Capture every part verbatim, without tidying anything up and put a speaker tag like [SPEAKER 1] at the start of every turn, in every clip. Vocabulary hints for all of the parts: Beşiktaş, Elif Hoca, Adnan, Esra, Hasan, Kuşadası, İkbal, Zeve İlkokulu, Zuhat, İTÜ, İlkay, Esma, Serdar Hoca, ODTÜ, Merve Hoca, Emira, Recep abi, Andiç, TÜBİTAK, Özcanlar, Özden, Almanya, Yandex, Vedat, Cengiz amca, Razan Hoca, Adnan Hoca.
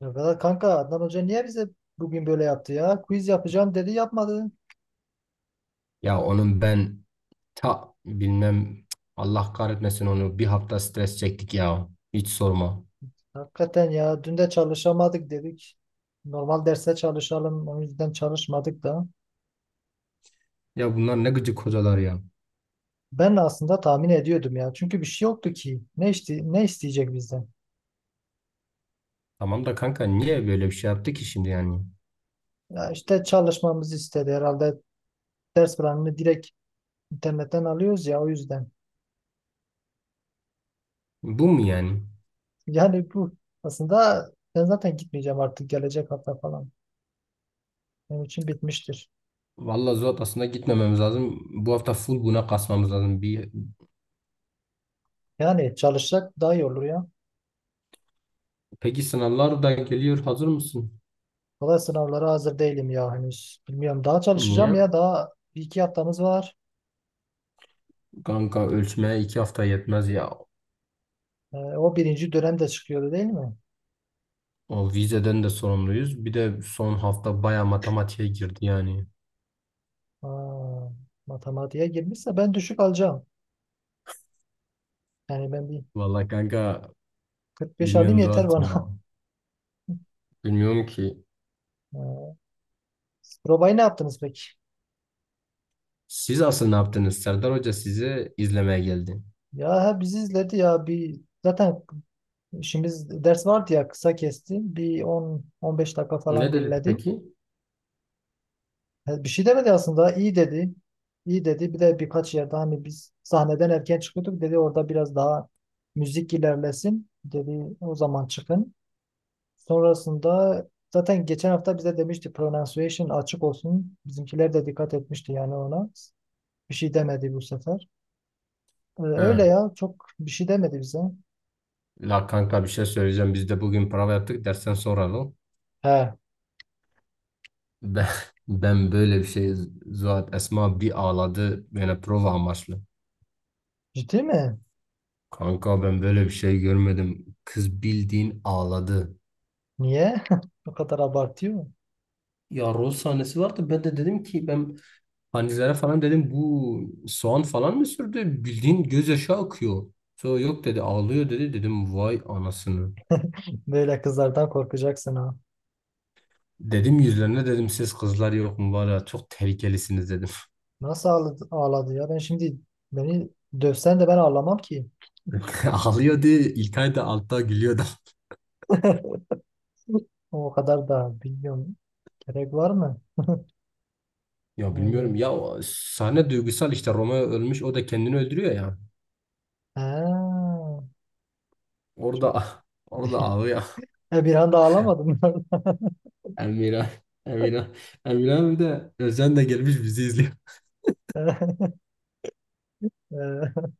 [SPEAKER 1] Ya Vedat kanka, Adnan Hoca niye bize bugün böyle yaptı ya? Quiz yapacağım dedi, yapmadı.
[SPEAKER 2] Ya onun ben ta bilmem Allah kahretmesin onu bir hafta stres çektik ya. Hiç sorma.
[SPEAKER 1] Hakikaten ya, dün de çalışamadık dedik. Normal derse çalışalım, o yüzden çalışmadık da.
[SPEAKER 2] Ya bunlar ne gıcık hocalar ya.
[SPEAKER 1] Ben aslında tahmin ediyordum ya. Çünkü bir şey yoktu ki. Ne işte ne isteyecek bizden?
[SPEAKER 2] Tamam da kanka niye böyle bir şey yaptı ki şimdi yani?
[SPEAKER 1] Ya işte çalışmamızı istedi herhalde. Ders planını direkt internetten alıyoruz ya, o yüzden.
[SPEAKER 2] Bu mu yani?
[SPEAKER 1] Yani bu aslında, ben zaten gitmeyeceğim artık gelecek hafta falan. Benim için bitmiştir.
[SPEAKER 2] Vallahi zor aslında gitmememiz lazım. Bu hafta full buna kasmamız lazım. Bir...
[SPEAKER 1] Yani çalışsak daha iyi olur ya.
[SPEAKER 2] Peki sınavlar da geliyor. Hazır mısın?
[SPEAKER 1] Valla sınavlara hazır değilim ya henüz. Bilmiyorum, daha çalışacağım
[SPEAKER 2] Niye?
[SPEAKER 1] ya, daha bir iki haftamız var.
[SPEAKER 2] Kanka ölçmeye iki hafta yetmez ya.
[SPEAKER 1] Ee, o birinci dönem de çıkıyordu değil mi?
[SPEAKER 2] O vizeden de sorumluyuz. Bir de son hafta baya matematiğe girdi yani.
[SPEAKER 1] Aa, matematiğe girmişse ben düşük alacağım. Yani ben bir
[SPEAKER 2] Vallahi kanka
[SPEAKER 1] kırk beş alayım
[SPEAKER 2] bilmiyorum
[SPEAKER 1] yeter
[SPEAKER 2] Zuhat ya.
[SPEAKER 1] bana.
[SPEAKER 2] Bilmiyorum ki.
[SPEAKER 1] Ee, Probayı ne yaptınız peki?
[SPEAKER 2] Siz asıl ne yaptınız? Serdar Hoca sizi izlemeye geldi.
[SPEAKER 1] Ya he, bizi izledi ya, bir zaten işimiz ders vardı ya, kısa kesti. Bir on on beş dakika
[SPEAKER 2] Ne
[SPEAKER 1] falan
[SPEAKER 2] dedi
[SPEAKER 1] dinledi.
[SPEAKER 2] peki?
[SPEAKER 1] He, bir şey demedi aslında. İyi dedi. İyi dedi. Bir de birkaç yerde hani biz sahneden erken çıkıyorduk. Dedi orada biraz daha müzik ilerlesin. Dedi o zaman çıkın. Sonrasında zaten geçen hafta bize demişti pronunciation açık olsun. Bizimkiler de dikkat etmişti yani ona. Bir şey demedi bu sefer. Ee, öyle
[SPEAKER 2] Ha.
[SPEAKER 1] ya, çok bir şey demedi bize.
[SPEAKER 2] La kanka bir şey söyleyeceğim. Biz de bugün prova yaptık. Dersten soralım.
[SPEAKER 1] He,
[SPEAKER 2] Ben, ben böyle bir şey Zuhat Esma bir ağladı. Yani prova amaçlı.
[SPEAKER 1] ciddi mi?
[SPEAKER 2] Kanka ben böyle bir şey görmedim. Kız bildiğin ağladı.
[SPEAKER 1] Niye? O kadar abartıyor mu?
[SPEAKER 2] Ya rol sahnesi vardı. Ben de dedim ki ben Hanizlere falan dedim bu soğan falan mı sürdü? Bildiğin gözyaşı akıyor. Sonra yok dedi ağlıyor dedi. Dedim vay anasını.
[SPEAKER 1] Böyle kızlardan korkacaksın ha.
[SPEAKER 2] Dedim yüzlerine dedim siz kızlar yok mu var ya çok tehlikelisiniz dedim.
[SPEAKER 1] Nasıl ağladı, ağladı ya? Ben şimdi beni dövsen de ben ağlamam ki.
[SPEAKER 2] Ağlıyordu İlkay da altta gülüyordu.
[SPEAKER 1] O kadar da bilmiyorum. Gerek var mı?
[SPEAKER 2] Ya bilmiyorum
[SPEAKER 1] Yani
[SPEAKER 2] ya o sahne duygusal işte Romeo ölmüş o da kendini öldürüyor ya.
[SPEAKER 1] ha, çok-
[SPEAKER 2] Orada orada ağlıyor.
[SPEAKER 1] e, bir anda ağlamadım.
[SPEAKER 2] Emira Emira Emira abi de Özden de gelmiş bizi izliyor.
[SPEAKER 1] E,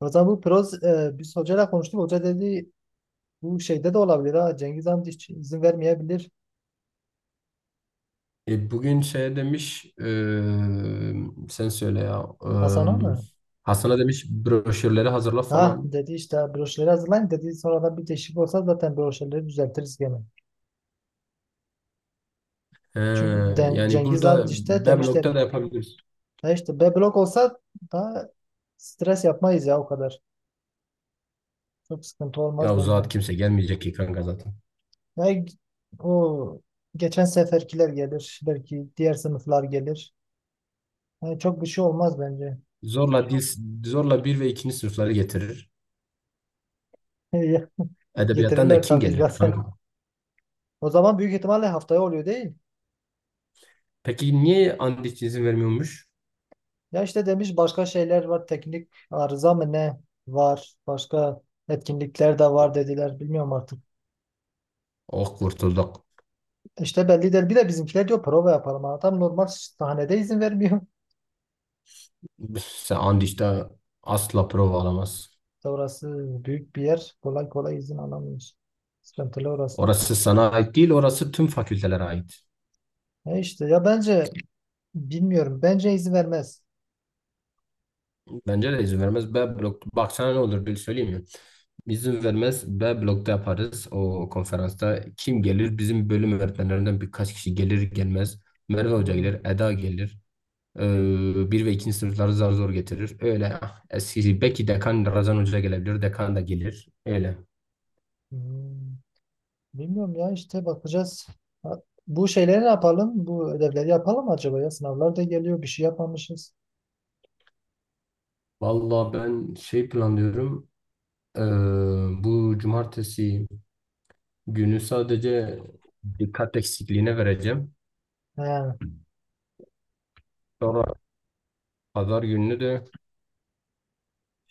[SPEAKER 1] o zaman bu proz e, biz hocayla konuştuk. Hoca dedi bu şeyde de olabilir ha. Cengiz amca hiç izin vermeyebilir.
[SPEAKER 2] E, bugün şey demiş eee, sen söyle ya
[SPEAKER 1] Hasan'a
[SPEAKER 2] eee,
[SPEAKER 1] mı?
[SPEAKER 2] Hasan'a demiş broşürleri hazırla
[SPEAKER 1] Ha,
[SPEAKER 2] falan.
[SPEAKER 1] dedi işte broşürleri hazırlayın dedi. Sonradan bir değişiklik olsa zaten broşürleri düzeltiriz gene.
[SPEAKER 2] He,
[SPEAKER 1] Çünkü Den-
[SPEAKER 2] yani
[SPEAKER 1] Cengiz
[SPEAKER 2] burada
[SPEAKER 1] amca işte
[SPEAKER 2] B
[SPEAKER 1] demişler.
[SPEAKER 2] da yapabiliriz.
[SPEAKER 1] Ya işte B blok olsa daha stres yapmayız ya o kadar. Çok sıkıntı
[SPEAKER 2] Ya
[SPEAKER 1] olmaz
[SPEAKER 2] o zat
[SPEAKER 1] bence.
[SPEAKER 2] kimse gelmeyecek ki kanka zaten.
[SPEAKER 1] Ya o geçen seferkiler gelir. Belki diğer sınıflar gelir. Yani çok bir şey olmaz bence.
[SPEAKER 2] Zorla dil, zorla bir ve ikinci sınıfları getirir. Edebiyattan da
[SPEAKER 1] Getirirler
[SPEAKER 2] kim
[SPEAKER 1] tabii
[SPEAKER 2] gelir
[SPEAKER 1] zaten.
[SPEAKER 2] kanka?
[SPEAKER 1] O zaman büyük ihtimalle haftaya oluyor değil.
[SPEAKER 2] Peki niye Andiç izin vermiyormuş?
[SPEAKER 1] Ya işte demiş başka şeyler var. Teknik arıza mı ne var. Başka etkinlikler de var dediler. Bilmiyorum artık.
[SPEAKER 2] Oh kurtulduk.
[SPEAKER 1] İşte belli değil. Bir de bizimkiler diyor prova yapalım. Adam normal sahnede izin vermiyor.
[SPEAKER 2] Sen Andiç'te asla prova alamaz.
[SPEAKER 1] İşte orası büyük bir yer. Kolay kolay izin alamıyoruz. Sıkıntılı orası.
[SPEAKER 2] Orası sana ait değil, orası tüm fakültelere ait.
[SPEAKER 1] E işte ya bence bilmiyorum. Bence izin vermez.
[SPEAKER 2] Bence de izin vermez. B blok. Bak sana ne olur bir söyleyeyim mi? İzin vermez. B blokta yaparız o konferansta. Kim gelir? Bizim bölüm öğretmenlerinden birkaç kişi gelir gelmez. Merve Hoca
[SPEAKER 1] Hmm.
[SPEAKER 2] gelir, Eda gelir. Ee, bir ve ikinci sınıfları zar zor getirir. Öyle ah, eski belki dekan Razan Hoca gelebilir. Dekan da gelir. Öyle.
[SPEAKER 1] Hmm. Bilmiyorum ya, işte bakacağız. Ha, bu şeyleri ne yapalım? Bu ödevleri yapalım mı acaba ya? Sınavlar da geliyor. Bir şey yapmamışız.
[SPEAKER 2] Vallahi ben şey planlıyorum. Ee, bu cumartesi günü sadece dikkat eksikliğine vereceğim.
[SPEAKER 1] He,
[SPEAKER 2] Sonra pazar gününü de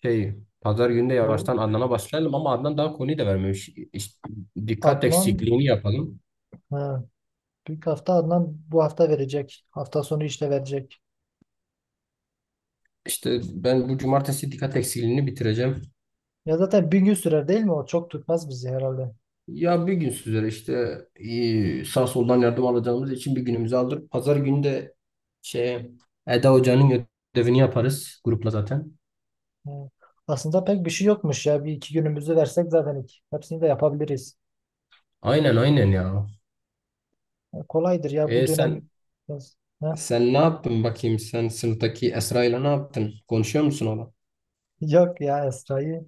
[SPEAKER 2] şey pazar günü de
[SPEAKER 1] bu
[SPEAKER 2] yavaştan Adnan'a başlayalım ama Adnan daha konuyu da vermemiş. İşte dikkat
[SPEAKER 1] Adnan
[SPEAKER 2] eksikliğini yapalım.
[SPEAKER 1] he, büyük hafta Adnan bu hafta verecek. Hafta sonu işte verecek.
[SPEAKER 2] İşte ben bu cumartesi dikkat eksikliğini bitireceğim.
[SPEAKER 1] Ya zaten bir gün sürer değil mi? O çok tutmaz bizi herhalde.
[SPEAKER 2] Ya bir gün sizlere işte e, sağ soldan yardım alacağımız için bir günümüzü alır. Pazar günü de şey Eda Hoca'nın ödevini yaparız grupla zaten.
[SPEAKER 1] Hı. Aslında pek bir şey yokmuş ya. Bir iki günümüzü versek zaten iki- hepsini de yapabiliriz.
[SPEAKER 2] Aynen aynen ya.
[SPEAKER 1] E, kolaydır ya bu
[SPEAKER 2] E sen
[SPEAKER 1] dönem. biraz- Ha?
[SPEAKER 2] sen ne yaptın bakayım sen sınıftaki Esra ile ne yaptın? Konuşuyor musun ona?
[SPEAKER 1] Yok ya, Esra'yı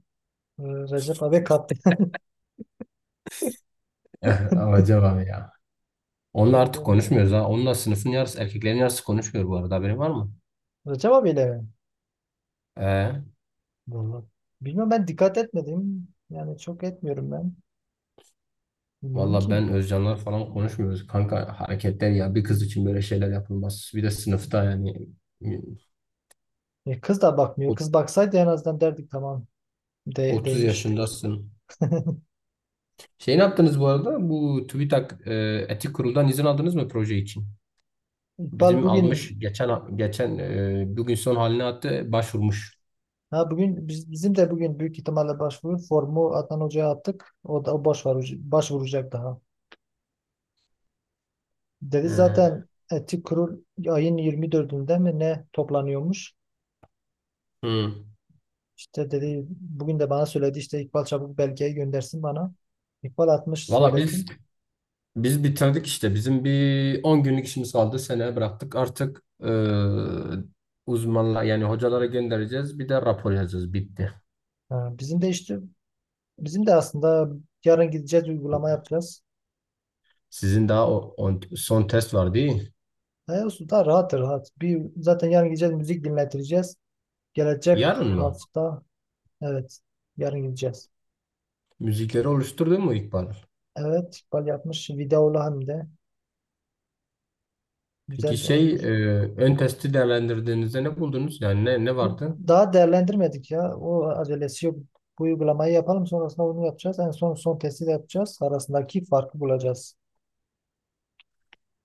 [SPEAKER 1] e, Recep abi kaptı.
[SPEAKER 2] Eh, acaba ya. Onunla
[SPEAKER 1] Evet,
[SPEAKER 2] artık
[SPEAKER 1] evet.
[SPEAKER 2] konuşmuyoruz ha. Onunla sınıfın yarısı erkeklerin yarısı konuşmuyor bu arada haberin var mı?
[SPEAKER 1] Recep abiyle mi?
[SPEAKER 2] E,
[SPEAKER 1] Vallahi. Bilmiyorum, ben dikkat etmedim. Yani çok etmiyorum ben. Bilmiyorum
[SPEAKER 2] Valla
[SPEAKER 1] ki.
[SPEAKER 2] ben Özcanlar falan konuşmuyoruz. Kanka hareketler ya bir kız için böyle şeyler yapılmaz. Bir de sınıfta yani.
[SPEAKER 1] E, kız da bakmıyor.
[SPEAKER 2] O
[SPEAKER 1] Kız baksaydı en azından derdik tamam de,
[SPEAKER 2] otuz
[SPEAKER 1] değmiş.
[SPEAKER 2] yaşındasın. Şey ne yaptınız bu arada? Bu TÜBİTAK e, Etik Kurul'dan izin aldınız mı proje için?
[SPEAKER 1] İkbal
[SPEAKER 2] Bizim almış
[SPEAKER 1] bugün
[SPEAKER 2] geçen geçen e, bugün son haline attı başvurmuş.
[SPEAKER 1] ha bugün biz, bizim de bugün büyük ihtimalle başvuru formu Adnan Hoca'ya attık. O da o başvuru, başvuracak daha. Dedi zaten
[SPEAKER 2] E,
[SPEAKER 1] etik kurul ayın yirmi dördünde mi ne toplanıyormuş?
[SPEAKER 2] hı.
[SPEAKER 1] İşte dedi bugün de bana söyledi, işte İkbal çabuk belgeyi göndersin bana. İkbal atmış
[SPEAKER 2] Valla biz
[SPEAKER 1] söyledim.
[SPEAKER 2] biz bitirdik işte. Bizim bir on günlük işimiz kaldı. Seneye bıraktık. Artık e, uzmanla yani hocalara göndereceğiz. Bir de rapor yazacağız. Bitti.
[SPEAKER 1] Ha, bizim de işte bizim de aslında yarın gideceğiz uygulama yapacağız.
[SPEAKER 2] Sizin daha o, on- son test var değil mi?
[SPEAKER 1] E, olsun da rahat rahat. Bir, zaten yarın gideceğiz müzik dinletireceğiz. Gelecek
[SPEAKER 2] Yarın mı?
[SPEAKER 1] hafta evet yarın gideceğiz.
[SPEAKER 2] Müzikleri oluşturdun mu İkbal?
[SPEAKER 1] Evet İkbal yapmış, videolu hem de, güzel
[SPEAKER 2] Peki şey e,
[SPEAKER 1] olmuş.
[SPEAKER 2] ön testi değerlendirdiğinizde ne buldunuz? Yani ne, ne
[SPEAKER 1] Bu
[SPEAKER 2] vardı?
[SPEAKER 1] Daha değerlendirmedik ya. O acelesi yok. Bu uygulamayı yapalım, sonrasında onu yapacağız. En son son testi de yapacağız. Arasındaki farkı bulacağız.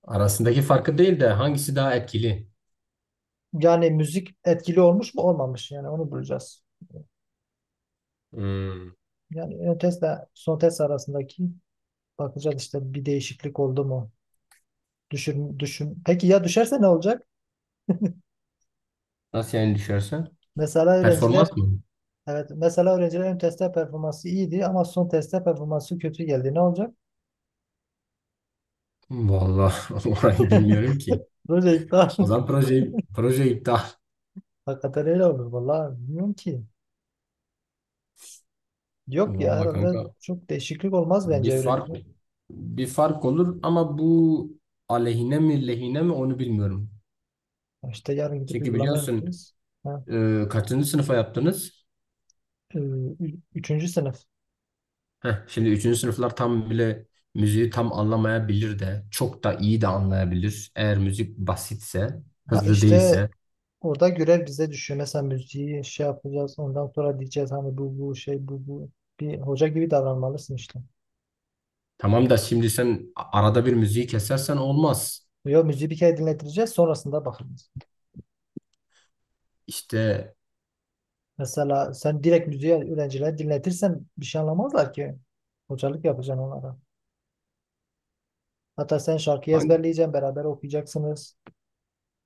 [SPEAKER 2] Arasındaki farkı değil de hangisi daha etkili?
[SPEAKER 1] Yani müzik etkili olmuş mu olmamış, yani onu bulacağız.
[SPEAKER 2] Hmm.
[SPEAKER 1] Yani ön testle son test arasındaki bakacağız işte bir değişiklik oldu mu? Düşün, düşün. Peki ya düşerse ne olacak?
[SPEAKER 2] Nasıl yani düşerse?
[SPEAKER 1] Mesela
[SPEAKER 2] Performans
[SPEAKER 1] öğrenciler
[SPEAKER 2] mı?
[SPEAKER 1] evet mesela öğrenciler ön testte performansı iyiydi ama son testte performansı kötü geldi. Ne olacak?
[SPEAKER 2] Vallahi orayı bilmiyorum ki.
[SPEAKER 1] Böyle iptal.
[SPEAKER 2] O zaman proje, proje iptal.
[SPEAKER 1] Hakikaten öyle olur, vallahi bilmiyorum ki. Yok ya,
[SPEAKER 2] Vallahi
[SPEAKER 1] herhalde
[SPEAKER 2] kanka
[SPEAKER 1] çok değişiklik olmaz
[SPEAKER 2] bir
[SPEAKER 1] bence
[SPEAKER 2] fark
[SPEAKER 1] öğrenciler.
[SPEAKER 2] bir fark olur ama bu aleyhine mi lehine mi onu bilmiyorum.
[SPEAKER 1] Ya İşte yarın gidip
[SPEAKER 2] Çünkü
[SPEAKER 1] uygulama
[SPEAKER 2] biliyorsun
[SPEAKER 1] yapacağız. Ha,
[SPEAKER 2] e, kaçıncı sınıfa yaptınız?
[SPEAKER 1] e, ü- üçüncü sınıf.
[SPEAKER 2] Heh, şimdi üçüncü sınıflar tam bile müziği tam anlamayabilir de çok da iyi de anlayabilir. Eğer müzik basitse,
[SPEAKER 1] Ha,
[SPEAKER 2] hızlı
[SPEAKER 1] işte
[SPEAKER 2] değilse.
[SPEAKER 1] orada görev bize düşüyor. Mesela müziği şey yapacağız. Ondan sonra diyeceğiz hani bu bu şey bu bu. Bir hoca gibi davranmalısın işte.
[SPEAKER 2] Tamam da şimdi sen a- arada bir müziği kesersen olmaz.
[SPEAKER 1] Yo, müziği bir kere dinletireceğiz, sonrasında bakacağız.
[SPEAKER 2] İşte
[SPEAKER 1] Mesela sen direkt müziği öğrencilere dinletirsen bir şey anlamazlar ki. Hocalık yapacaksın onlara. Hatta sen şarkıyı
[SPEAKER 2] hangi,
[SPEAKER 1] ezberleyeceksin, beraber okuyacaksınız.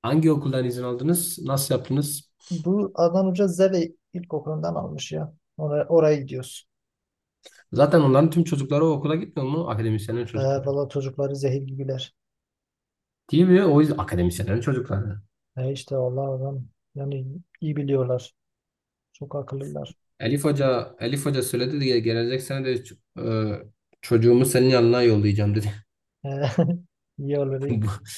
[SPEAKER 2] hangi okuldan izin aldınız? Nasıl yaptınız?
[SPEAKER 1] Bu Adnan Hoca Zeve İlkokulu'ndan almış ya. Oraya, oraya gidiyoruz.
[SPEAKER 2] Zaten onların tüm çocukları o okula gitmiyor mu? Akademisyenlerin
[SPEAKER 1] Ee,
[SPEAKER 2] çocukları.
[SPEAKER 1] valla çocukları zehir gibiler.
[SPEAKER 2] Değil mi? O yüzden akademisyenlerin çocukları.
[SPEAKER 1] Ee, işte Allah adam, yani iyi biliyorlar. Çok akıllılar.
[SPEAKER 2] Elif Hoca, Elif Hoca söyledi de gelecek sene de ç- e, çocuğumu senin yanına yollayacağım dedi.
[SPEAKER 1] Ee, iyi olur iyi.
[SPEAKER 2] Bu,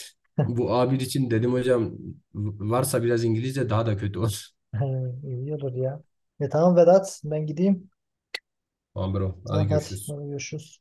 [SPEAKER 2] bu A bir için dedim hocam varsa biraz İngilizce daha da kötü olur.
[SPEAKER 1] Ee, olur ya. E tamam Vedat, ben gideyim.
[SPEAKER 2] Tamam bro. Hadi
[SPEAKER 1] Tamam hadi.
[SPEAKER 2] görüşürüz.
[SPEAKER 1] Hadi görüşürüz.